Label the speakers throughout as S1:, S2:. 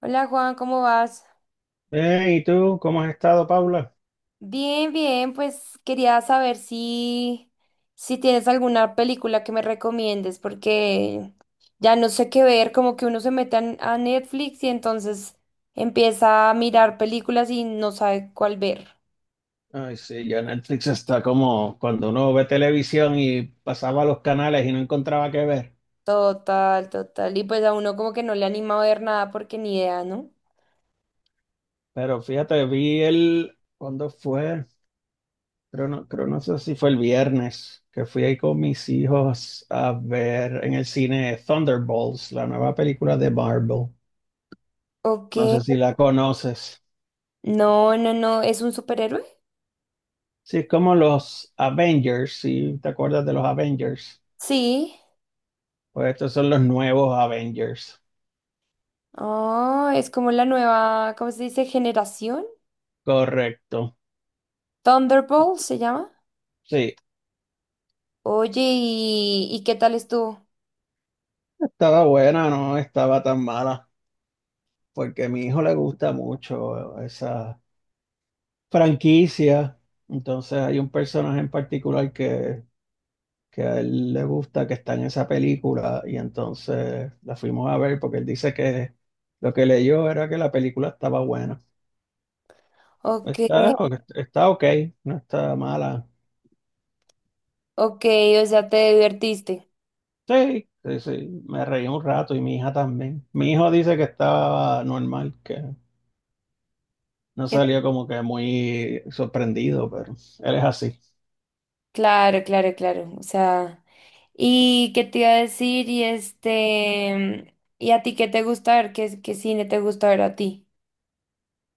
S1: Hola Juan, ¿cómo vas?
S2: ¿Y tú cómo has estado, Paula?
S1: Bien, bien, pues quería saber si tienes alguna película que me recomiendes, porque ya no sé qué ver, como que uno se mete a Netflix y entonces empieza a mirar películas y no sabe cuál ver.
S2: Ay, sí, ya Netflix está como cuando uno ve televisión y pasaba los canales y no encontraba qué ver.
S1: Total, total. Y pues a uno como que no le anima a ver nada porque ni idea, ¿no?
S2: Pero fíjate, vi el, ¿cuándo fue? Creo no sé si fue el viernes, que fui ahí con mis hijos a ver en el cine Thunderbolts, la nueva película de Marvel.
S1: Ok.
S2: No sé si la conoces.
S1: No, no, no, ¿es un superhéroe?
S2: Sí, es como los Avengers, ¿si te acuerdas de los Avengers?
S1: Sí.
S2: Pues estos son los nuevos Avengers.
S1: Oh, es como la nueva, ¿cómo se dice? Generación.
S2: Correcto.
S1: Thunderbolt se llama.
S2: Sí.
S1: Oye, ¿y qué tal estuvo?
S2: Estaba buena, no estaba tan mala, porque a mi hijo le gusta mucho esa franquicia. Entonces hay un personaje en particular que a él le gusta, que está en esa película, y entonces la fuimos a ver porque él dice que lo que leyó era que la película estaba buena.
S1: Ok,
S2: Está, está ok, no está mala.
S1: ok, o sea, te divertiste.
S2: Sí, sí, sí, me reí un rato y mi hija también. Mi hijo dice que estaba normal, que no salió como que muy sorprendido, pero él es así.
S1: Claro, claro, claro. O sea, ¿y qué te iba a decir? Y este, ¿y a ti qué te gusta ver? ¿Qué cine te gusta ver a ti?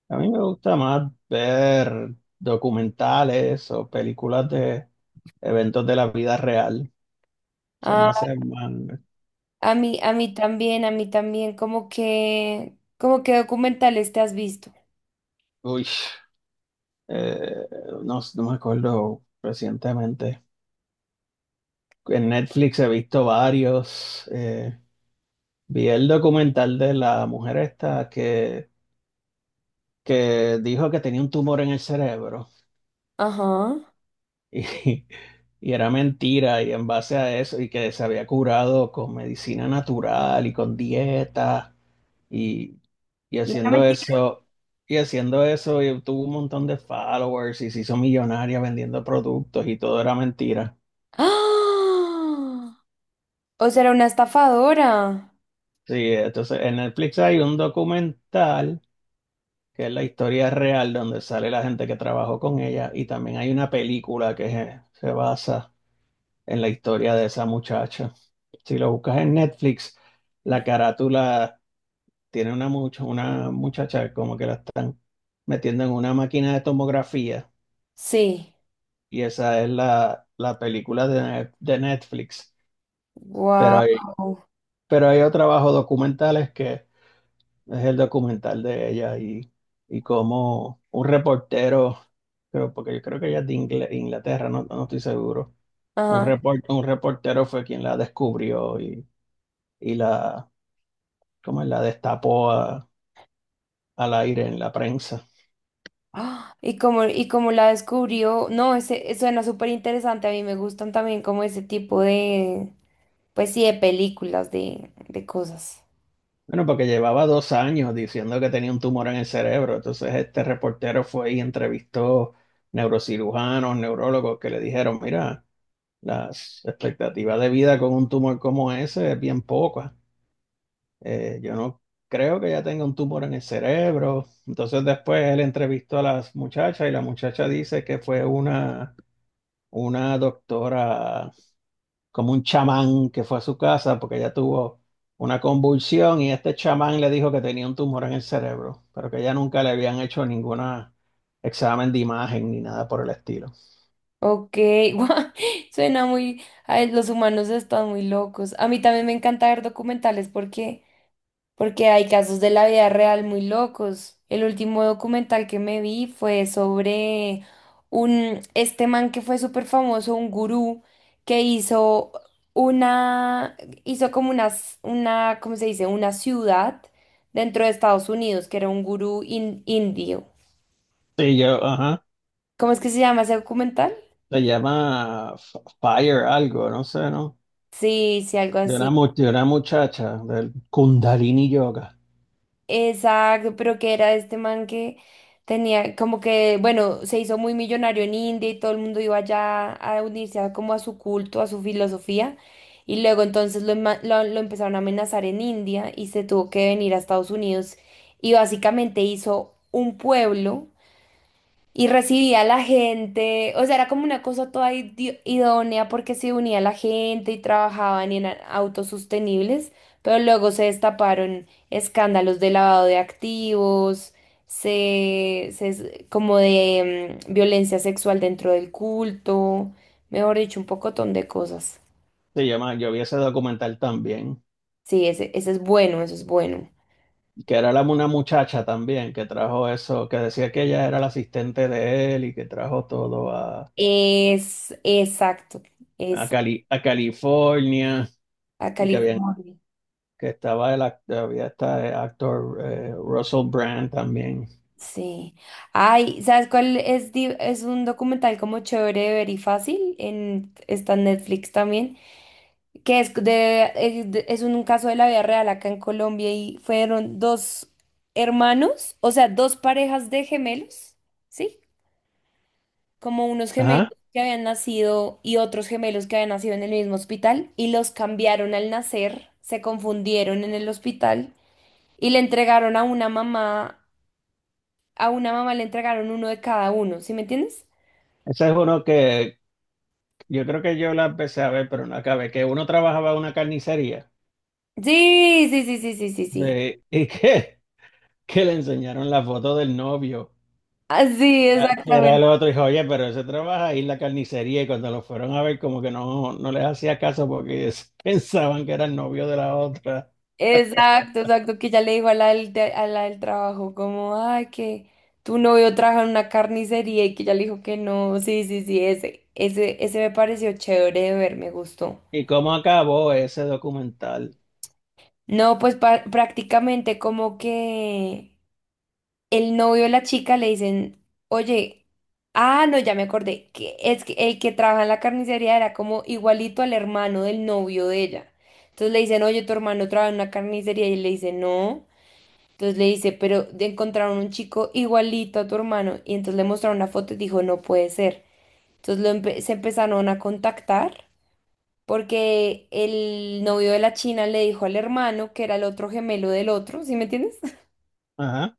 S2: A mí me gusta más ver documentales o películas de eventos de la vida real. Se me
S1: Ah,
S2: hace más...
S1: a mí también, a mí también, como que documentales te has visto.
S2: Uy, eh, no, no me acuerdo recientemente. En Netflix he visto varios. Vi el documental de la mujer esta que dijo que tenía un tumor en el cerebro.
S1: Ajá.
S2: Y, y era mentira, y en base a eso, y que se había curado con medicina natural y con dieta, y, y
S1: Y era
S2: haciendo
S1: mentira.
S2: eso, y haciendo eso, y tuvo un montón de followers y se hizo millonaria vendiendo productos y todo era mentira.
S1: ¡Ah! O sea, era una estafadora.
S2: Sí, entonces en Netflix hay un documental que es la historia real donde sale la gente que trabajó con ella, y también hay una película que se basa en la historia de esa muchacha. Si lo buscas en Netflix, la carátula tiene una muchacha como que la están metiendo en una máquina de tomografía
S1: Sí.
S2: y esa es la película de, de Netflix. Pero hay,
S1: Wow.
S2: pero hay otro trabajo documentales que es el documental de ella y como un reportero, creo, porque yo creo que ella es de Inglaterra, no, no estoy seguro. Un reportero fue quien la descubrió y la, ¿cómo es? La destapó al aire en la prensa.
S1: ¡Ah! Y como la descubrió, no, ese, suena súper interesante. A mí me gustan también como ese tipo de, pues sí, de películas, de cosas.
S2: Bueno, porque llevaba dos años diciendo que tenía un tumor en el cerebro. Entonces este reportero fue y entrevistó neurocirujanos, neurólogos que le dijeron, mira, las expectativas de vida con un tumor como ese es bien poca. Yo no creo que ya tenga un tumor en el cerebro. Entonces después él entrevistó a las muchachas y la muchacha dice que fue una doctora como un chamán que fue a su casa porque ella tuvo una convulsión y este chamán le dijo que tenía un tumor en el cerebro, pero que ella nunca le habían hecho ningún examen de imagen ni nada por el estilo.
S1: Ok, guau, suena muy, ay, los humanos están muy locos. A mí también me encanta ver documentales porque porque hay casos de la vida real muy locos. El último documental que me vi fue sobre un, este man que fue súper famoso, un gurú, que hizo una, hizo como una, una, ¿cómo se dice? Una ciudad dentro de Estados Unidos, que era un gurú indio.
S2: Sí, yo, ajá,
S1: ¿Cómo es que se llama ese documental?
S2: se llama Fire algo, no sé, ¿no?
S1: Sí, sí, algo
S2: De una,
S1: así.
S2: mu- de una muchacha del Kundalini Yoga.
S1: Exacto, pero que era este man que tenía como que, bueno, se hizo muy millonario en India y todo el mundo iba allá a unirse a, como a su culto, a su filosofía. Y luego entonces lo empezaron a amenazar en India y se tuvo que venir a Estados Unidos y básicamente hizo un pueblo y recibía a la gente, o sea, era como una cosa toda idónea porque se unía a la gente y trabajaban en autosostenibles, pero luego se destaparon escándalos de lavado de activos, se como de violencia sexual dentro del culto, mejor dicho, un pocotón de cosas.
S2: Se llama, yo vi ese documental también.
S1: Sí, ese es bueno, eso es bueno.
S2: Que era la, una muchacha también que trajo eso, que decía que ella era la asistente de él y que trajo todo
S1: Es exacto,
S2: a,
S1: es
S2: Cali, a California
S1: a
S2: y que, habían,
S1: California.
S2: que estaba el había este actor Russell Brand también.
S1: Sí. Ay, ¿sabes cuál es? Es un documental como chévere de ver y fácil. En, está en Netflix también. Que es de, es un caso de la vida real acá en Colombia y fueron dos hermanos, o sea, dos parejas de gemelos, ¿sí? Como unos gemelos
S2: Ajá.
S1: que habían nacido y otros gemelos que habían nacido en el mismo hospital y los cambiaron al nacer, se confundieron en el hospital y le entregaron a una mamá. A una mamá le entregaron uno de cada uno, ¿sí me entiendes?
S2: Ese es uno que yo creo que yo la empecé a ver, pero no acabé, que uno trabajaba en una carnicería
S1: Sí, sí, sí, sí, sí, sí, sí.
S2: sí, y que le enseñaron la foto del novio.
S1: Así,
S2: Era- que era el
S1: exactamente.
S2: otro, dijo, oye, pero ese trabaja ahí en la carnicería y cuando lo fueron a ver como que no, no les hacía caso porque ellos pensaban que era el novio de la otra.
S1: Exacto, exacto, que ya le dijo a la a la del trabajo, como, ay, que tu novio trabaja en una carnicería y que ya le dijo que no, sí, sí, sí, ese me pareció chévere de ver, me gustó.
S2: ¿Y cómo acabó ese documental?
S1: No, pues prácticamente como que el novio de la chica le dicen, oye, ah, no, ya me acordé, que es que el que trabaja en la carnicería era como igualito al hermano del novio de ella. Entonces le dicen, oye, tu hermano trabaja en una carnicería y le dice, no. Entonces le dice, pero encontraron un chico igualito a tu hermano y entonces le mostraron una foto y dijo, no puede ser. Entonces se empezaron a contactar porque el novio de la china le dijo al hermano que era el otro gemelo del otro, ¿sí me entiendes?
S2: Ajá.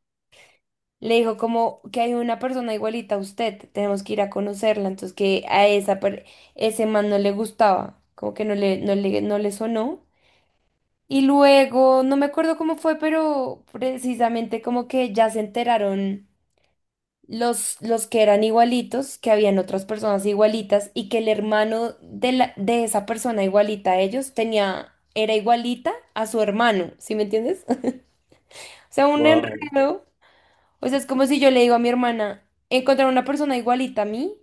S1: Le dijo como que hay una persona igualita a usted, tenemos que ir a conocerla, entonces que a ese man no le gustaba, como que no le, no le, no le sonó. Y luego, no me acuerdo cómo fue, pero precisamente como que ya se enteraron los que eran igualitos, que habían otras personas igualitas y que el hermano de de esa persona igualita a ellos tenía, era igualita a su hermano, ¿sí me entiendes? O sea, un
S2: Wow,
S1: enredo. O sea, es como si yo le digo a mi hermana, encontrar una persona igualita a mí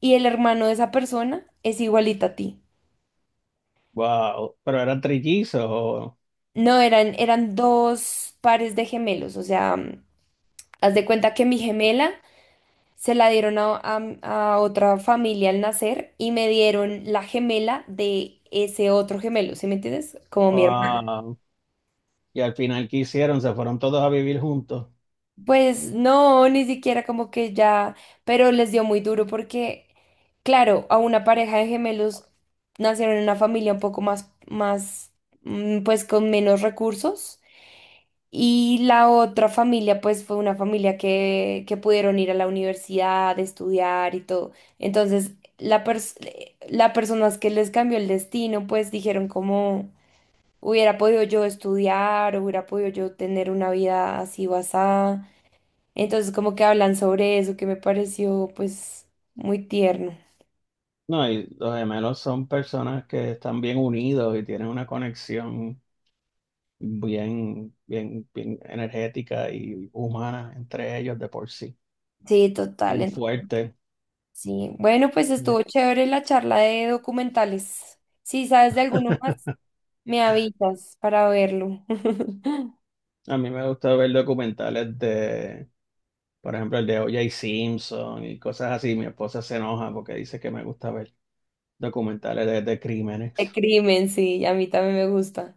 S1: y el hermano de esa persona es igualita a ti.
S2: wow. Pero eran trillizos. O-
S1: No, eran, eran dos pares de gemelos, o sea, mm, haz de cuenta que mi gemela se la dieron a, a otra familia al nacer y me dieron la gemela de ese otro gemelo, ¿sí me entiendes? Como mi hermana.
S2: Wow. Y al final, ¿qué hicieron? Se fueron todos a vivir juntos.
S1: Pues no, ni siquiera como que ya, pero les dio muy duro porque, claro, a una pareja de gemelos nacieron en una familia un poco más, más, mm, pues con menos recursos y la otra familia pues fue una familia que pudieron ir a la universidad, estudiar y todo. Entonces, las personas que les cambió el destino pues dijeron como hubiera podido yo estudiar, hubiera podido yo tener una vida así o así. Entonces como que hablan sobre eso que me pareció pues muy tierno.
S2: No, y los gemelos son personas que están bien unidos y tienen una conexión bien, bien, bien energética y humana entre ellos de por sí.
S1: Sí, total.
S2: Bien
S1: En-
S2: fuerte.
S1: Sí. Bueno, pues estuvo
S2: Bien.
S1: chévere la charla de documentales. Si sabes de alguno más, me avisas para verlo.
S2: A mí me gusta ver documentales de, por ejemplo, el de O.J. Simpson y cosas así. Mi esposa se enoja porque dice que me gusta ver documentales de
S1: De
S2: crímenes.
S1: crimen, sí, a mí también me gusta.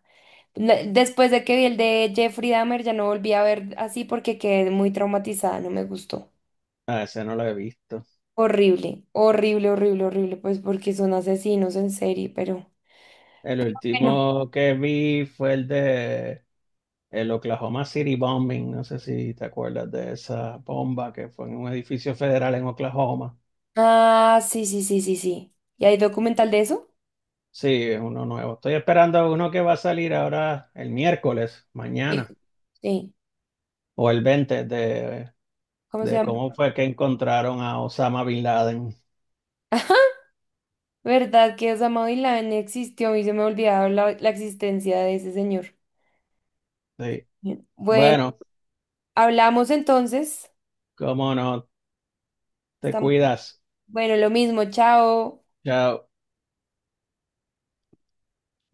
S1: La- Después de que vi el de Jeffrey Dahmer, ya no volví a ver así porque quedé muy traumatizada, no me gustó.
S2: A ese no lo he visto.
S1: Horrible, horrible, horrible, horrible, pues porque son asesinos en serie, pero
S2: El
S1: bueno.
S2: último que vi fue el de el Oklahoma City Bombing. No sé si te acuerdas de esa bomba que fue en un edificio federal en Oklahoma.
S1: Ah, sí, sí, sí, sí, sí. ¿Y hay documental de eso?
S2: Sí, es uno nuevo. Estoy esperando uno que va a salir ahora el miércoles,
S1: Sí.
S2: mañana,
S1: Sí.
S2: o el 20
S1: ¿Cómo se
S2: de
S1: llama?
S2: cómo fue que encontraron a Osama Bin Laden.
S1: ¿Verdad que Osama Bin Laden existió y se me olvidaba la, la existencia de ese señor?
S2: Sí.
S1: Bien. Bueno,
S2: Bueno,
S1: hablamos entonces.
S2: cómo no, te
S1: Estamos...
S2: cuidas.
S1: Bueno, lo mismo, chao.
S2: Chao.